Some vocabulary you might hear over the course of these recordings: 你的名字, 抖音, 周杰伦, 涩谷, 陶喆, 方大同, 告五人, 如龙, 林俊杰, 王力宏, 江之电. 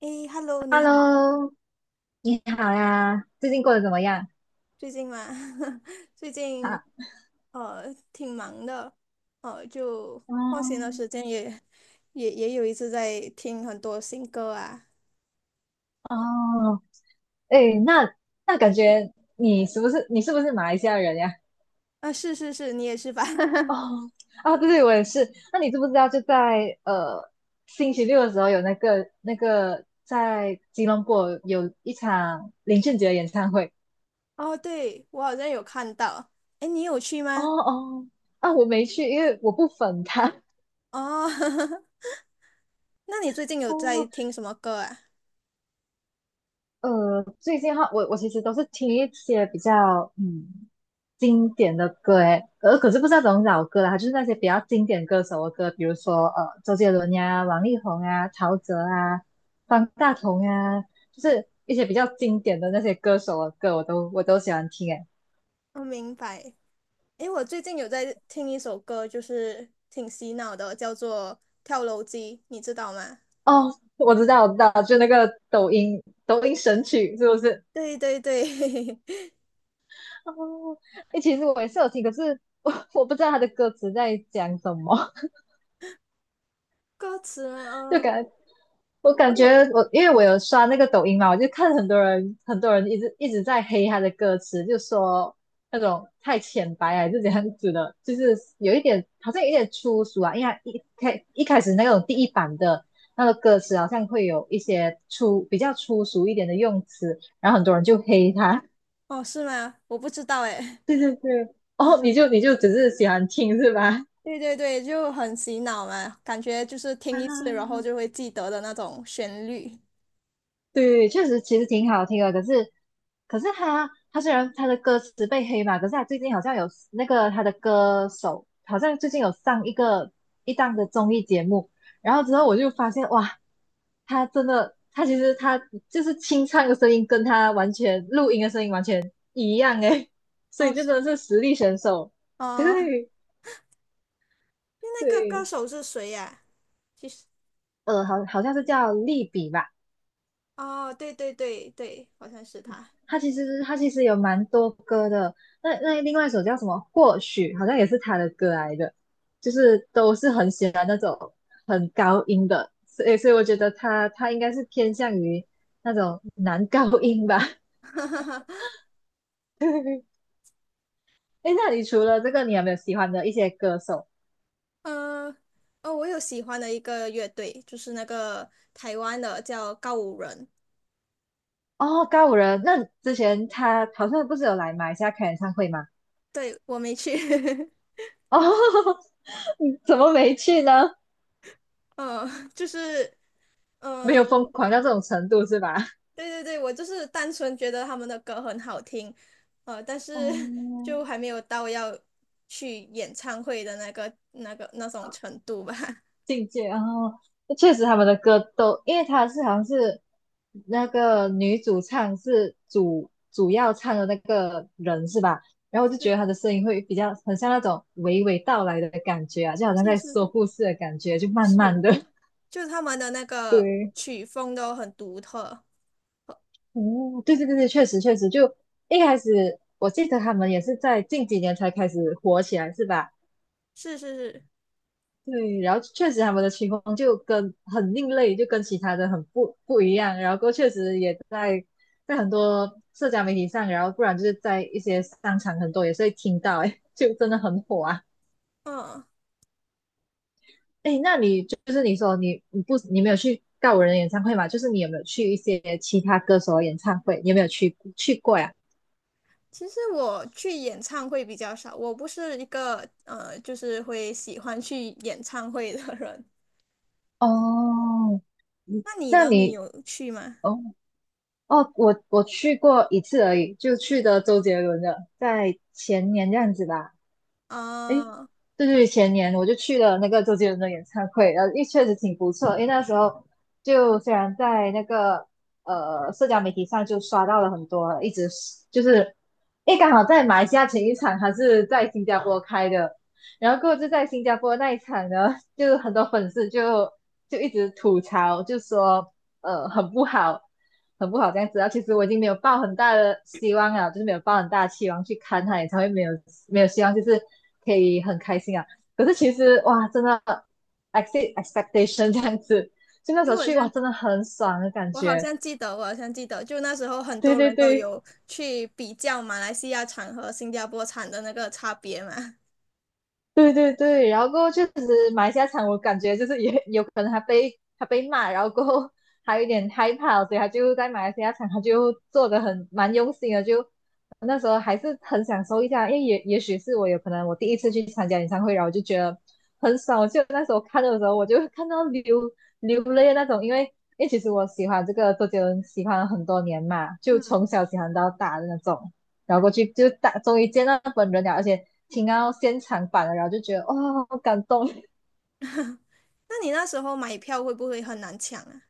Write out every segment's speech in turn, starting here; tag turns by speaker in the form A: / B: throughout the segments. A: 诶，Hello，你好，
B: Hello，你好呀，最近过得怎么样？
A: 最近吗？最近
B: 哈，
A: 挺忙的，呃就放闲的
B: 嗯，
A: 时间也有一次在听很多新歌啊。
B: 哦，哎，那那感觉你是不是马来西亚人呀？
A: 啊，是是是，你也是吧？
B: 哦，啊，对对，我也是。那你知不知道，就在星期六的时候有那个在吉隆坡有一场林俊杰的演唱会？
A: 哦，对，我好像有看到。诶，你有去
B: 哦
A: 吗？
B: 哦，啊，我没去，因为我不粉他。
A: 哦，那你最近 有在
B: 哦，
A: 听什么歌啊？
B: 最近的话，我其实都是听一些比较经典的歌诶，可是不是那种老歌啦，就是那些比较经典歌手的歌，比如说周杰伦呀、王力宏啊、陶喆啊、方大同呀，就是一些比较经典的那些歌手的歌，我都喜欢听诶。
A: 我明白。诶，我最近有在听一首歌，就是挺洗脑的，叫做《跳楼机》，你知道吗？
B: 哦，我知道，就那个抖音神曲是不是？
A: 对对对，
B: 哦，诶，其实我也是有听，可是我不知道他的歌词在讲什么。
A: 歌词，
B: 就
A: 嗯，
B: 感我
A: 我
B: 感
A: 有，
B: 觉我因为我有刷那个抖音嘛，我就看很多人一直在黑他的歌词，就说那种太浅白啊还是怎样子的，就是有一点好像有一点粗俗啊，因为他一开一开始那种第一版的。那个歌词好像会有一些比较粗俗一点的用词，然后很多人就黑他。
A: 哦，是吗？我不知道哎。
B: 对 对对，哦，你就只是喜欢听是吧？
A: 对对对，就很洗脑嘛，感觉就是听一次，然
B: 啊，
A: 后就会记得的那种旋律。
B: 对对确实其实挺好听的，可是他虽然他的歌词被黑嘛，可是他最近好像有那个他的歌手好像最近有上一档的综艺节目，然后之后我就发现哇，他真的他其实他就是清唱的声音跟他完全录音的声音完全一样诶，所
A: 哦，
B: 以就
A: 是
B: 真的是实力选手，对
A: 哦，那个歌
B: 对，
A: 手是谁呀、其实，
B: 好像是叫利比吧。
A: 哦，对对对对，好像是他。
B: 他其实有蛮多歌的，那另外一首叫什么？或许好像也是他的歌来的，就是都是很喜欢那种很高音的，所以我觉得他应该是偏向于那种男高音吧。哎，那你除了这个，你有没有喜欢的一些歌手？
A: 嗯，哦，我有喜欢的一个乐队，就是那个台湾的叫告五人。
B: 哦，高五人，那之前他好像不是有来马来西亚开演唱会吗？
A: 对，我没去。
B: 哦，你怎么没去呢？
A: 嗯，就是，
B: 没
A: 呃
B: 有疯狂到这种程度是吧？
A: 对对对，我就是单纯觉得他们的歌很好听，呃，但是
B: 哦，
A: 就还没有到要去演唱会的那个那种程度吧。
B: 境界。然后确实他们的歌都，因为他好像是那个女主唱是主要唱的那个人是吧？然后我就觉
A: 是
B: 得她的声音会比较很像那种娓娓道来的感觉啊，就好像
A: 是
B: 在
A: 是
B: 说
A: 是
B: 故事的感觉，就慢慢
A: 是，
B: 的。
A: 就他们的那个
B: 对，
A: 曲风都很独特。
B: 哦，对对对对，确实确实，就一开始我记得他们也是在近几年才开始火起来是吧？
A: 是是是，
B: 对，然后确实他们的曲风就跟很另类，就跟其他的很不一样。然后过后确实也在很多社交媒体上，然后不然就是在一些商场很多也是会听到，哎，就真的很火啊。
A: 嗯，
B: 哎，那你就是你说你你不你没有去告五人的演唱会嘛？就是你有没有去一些其他歌手的演唱会？你有没有去过呀？
A: 其实我去演唱会比较少，我不是一个，就是会喜欢去演唱会的人。
B: 哦，嗯
A: 那你
B: 那
A: 呢？你
B: 你
A: 有去吗？
B: 哦哦，我去过一次而已，就去的周杰伦的，在前年这样子吧。诶，
A: 啊，
B: 对对，前年我就去了那个周杰伦的演唱会，然后也确实挺不错。因为那时候就虽然在那个社交媒体上就刷到了很多，一直是就是，诶，刚好在马来西亚前一场还是在新加坡开的，然后过后就在新加坡那一场呢，就很多粉丝就一直吐槽，就说很不好，很不好这样子啊。其实我已经没有抱很大的希望了，就是没有抱很大的期望去看他演唱会，没有希望，就是可以很开心啊。可是其实哇，真的 e x c e expectation 这样子，就那时
A: 因
B: 候
A: 为我
B: 去哇，
A: 像
B: 真的很爽的感
A: 我好
B: 觉。
A: 像记得，我好像记得，就那时候很
B: 对
A: 多
B: 对
A: 人都
B: 对，
A: 有去比较马来西亚产和新加坡产的那个差别嘛。
B: 对对对，然后过后确实马来西亚场，我感觉就是也 有可能他被骂，然后过后还有点害怕，所以他就在马来西亚场，他就做的很蛮用心的，就那时候还是很享受一下，因为也许是我有可能我第一次去参加演唱会，然后我就觉得很爽，就那时候看的时候，我就看到流泪的那种，因为其实我喜欢周杰伦喜欢了很多年嘛，就从
A: 嗯，
B: 小喜欢到大的那种。然后过去就大终于见到本人了，而且听到现场版了，然后就觉得哇、好感动。
A: 那你那时候买票会不会很难抢啊？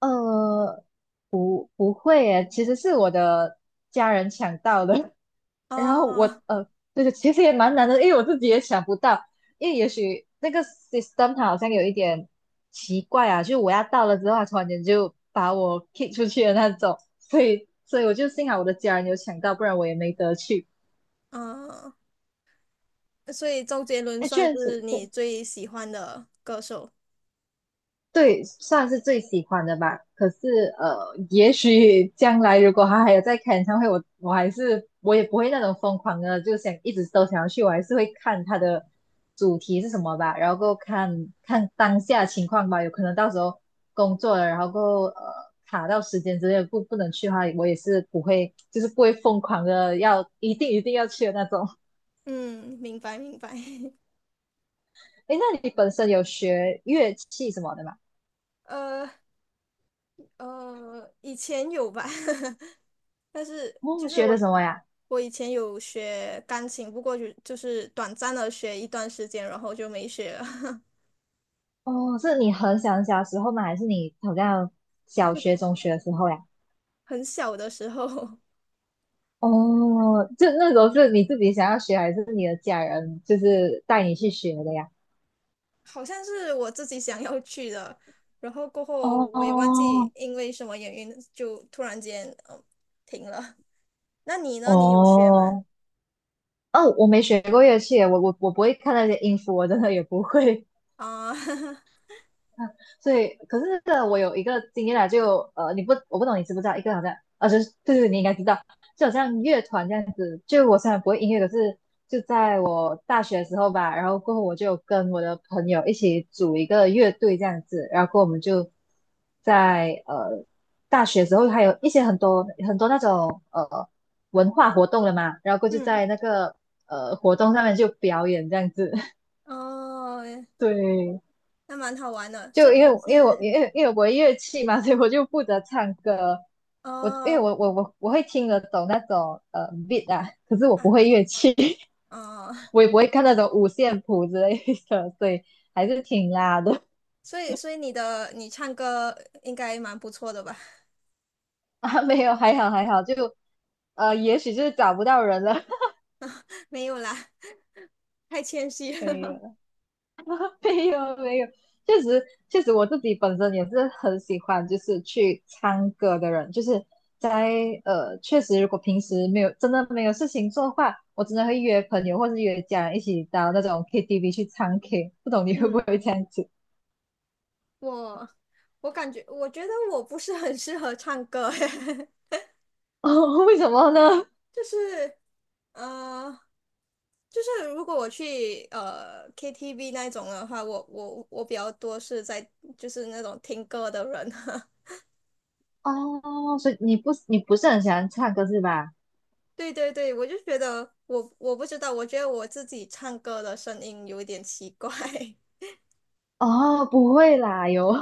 B: 呃，不会耶，其实是我的家人抢到的，然后
A: 哦，
B: 对对，其实也蛮难的，因为我自己也想不到，因为也许那个 system 它好像有一点奇怪啊，就我要到了之后，它突然间就把我 kick 出去的那种，所以我就幸好我的家人有抢到，不然我也没得去。
A: 嗯，所以周杰伦
B: 哎，
A: 算
B: 确
A: 是
B: 实，
A: 你
B: 对，
A: 最喜欢的歌手。
B: 对，算是最喜欢的吧。可是，也许 将来如果他还有在开演唱会，我我也不会那种疯狂的，就想一直都想要去，我还是会看他的主题是什么吧，然后够看看当下情况吧。有可能到时候工作了，然后够卡到时间之类的不能去的话，我也是不会，就是不会疯狂的要一定要去的那种。
A: 嗯，明白明白。
B: 诶，那你本身有学乐器什么的吗？
A: 呃，以前有吧，但是就
B: 哦，
A: 是
B: 学的
A: 我
B: 什么呀？
A: 我以前有学钢琴，不过就是短暂的学一段时间，然后就没学了。
B: 哦，是你很小时候吗？还是你好像小学、中学的时候呀？
A: 很小的时候，
B: 哦，就那时候是你自己想要学，还是你的家人就是带你去学的呀？
A: 好像是我自己想要去的，然后过后我也忘
B: 哦
A: 记因为什么原因就突然间停了。那你呢？你有学吗？
B: 哦哦，我没学过乐器耶我不会看那些音符，我真的也不会。
A: 啊、
B: 所以，可是这个我有一个经验啦，就呃，你不，我不懂你知不知道，一个好像，啊，就是对对，你应该知道，就好像乐团这样子。就我虽然不会音乐，可是就在我大学的时候吧，然后过后我就跟我的朋友一起组一个乐队这样子，然后过后我们就在大学的时候还有一些很多那种文化活动了嘛，然后过后就
A: 嗯，
B: 在那个活动上面就表演这样子，
A: 哦，
B: 对。
A: 那蛮好玩的。所以
B: 就因
A: 你
B: 为因为我
A: 是
B: 因为因为我乐器嘛，所以我就负责唱歌。我因为
A: 哦
B: 我我会听得懂那种beat 啊，可是我
A: 啊
B: 不会乐器，
A: 哦，
B: 我也不会看那种五线谱之类的，所以还是挺拉的
A: 所以你的你唱歌应该蛮不错的吧？
B: 啊。没有，还好还好，就也许就是找不到人了。
A: 没有啦，太谦虚
B: 没
A: 了。
B: 有。没有没有，确实确实我自己本身也是很喜欢就是去唱歌的人，就是在确实如果平时没有没有事情做的话，我真的会约朋友或是约家人一起到那种 KTV 去唱 K，不懂 你会不
A: 嗯，
B: 会这样子？
A: 我我感觉我觉得我不是很适合唱歌。
B: 哦，为什么呢？
A: 就是呃，就是如果我去KTV 那一种的话，我比较多是在就是那种听歌的人啊。
B: 哦，所以你不是很喜欢唱歌是吧？
A: 对对对，我就觉得我不知道，我觉得我自己唱歌的声音有一点奇怪。
B: 哦，不会啦，有，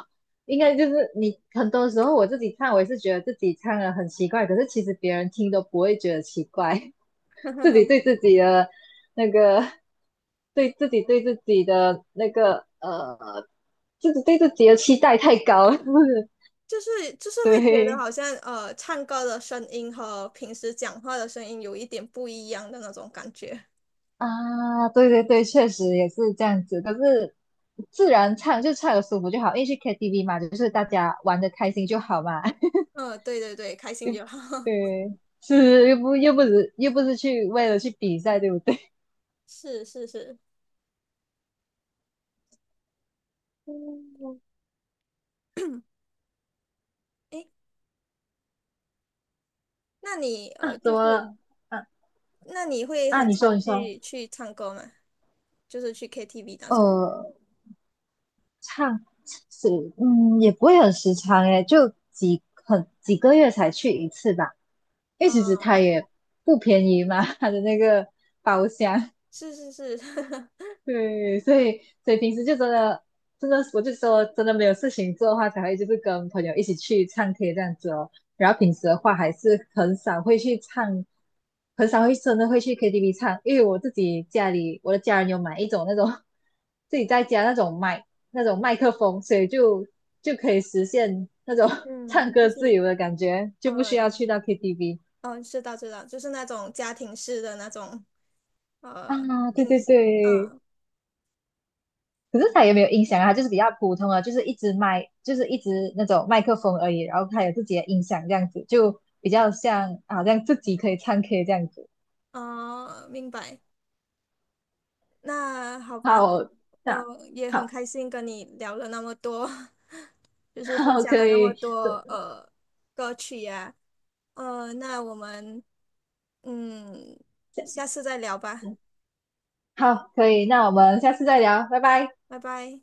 B: 应该就是你很多时候我自己唱，我也是觉得自己唱的很奇怪，可是其实别人听都不会觉得奇怪。自己 对自己的那个，对自己的那个,自己对自己的期待太高了，是不是？
A: 就是会觉得
B: 对
A: 好像，唱歌的声音和平时讲话的声音有一点不一样的那种感觉。
B: 啊，对对对，确实也是这样子。可是自然唱就唱的舒服就好，因为去 KTV 嘛，就是大家玩的开心就好嘛，
A: 嗯、对对对，开 心
B: 就
A: 就好。
B: 对，是又不是去为了去比赛，对不对？
A: 是是是，
B: 嗯
A: 诶，那你呃，
B: 啊，怎
A: 就
B: 么
A: 是
B: 了？啊
A: 那你会
B: 啊，
A: 很常
B: 你说，
A: 去唱歌吗？就是去 KTV 那种？
B: 呃。唱是嗯，也不会很时常诶，就很几个月才去一次吧。因为其实
A: 啊、
B: 它也不便宜嘛，它的那个包厢。
A: 是是是，
B: 对，所以平时就真的，我就说真的没有事情做的话，才会就是跟朋友一起去唱 K 这样子哦。然后平时的话，还是很少会去唱，很少会会去 KTV 唱，因为我自己家里我的家人有买一种那种 自己在家那种麦克风，就就可以实现那种 唱
A: 嗯，
B: 歌自由的感觉，就不需
A: 呃，
B: 要去到 KTV
A: 嗯，知道知道，就是那种家庭式的那种呃
B: 啊。对
A: 音，
B: 对对，
A: 嗯
B: 可是他也没有音响啊，他就是比较普通啊，就是一支麦，就是一支那种麦克风而已，然后他有自己的音响这样子，就比较像好像自己可以唱 K 这样子。
A: 哦，明白。那好吧，
B: 好，那
A: 呃，也很
B: 好，
A: 开心跟你聊了那么多，就 是分
B: 好
A: 享了
B: 可
A: 那么
B: 以，
A: 多
B: 这
A: 歌曲呀、呃，那我们嗯下次再聊吧，
B: 好可以，那我们下次再聊，拜拜。
A: 拜拜。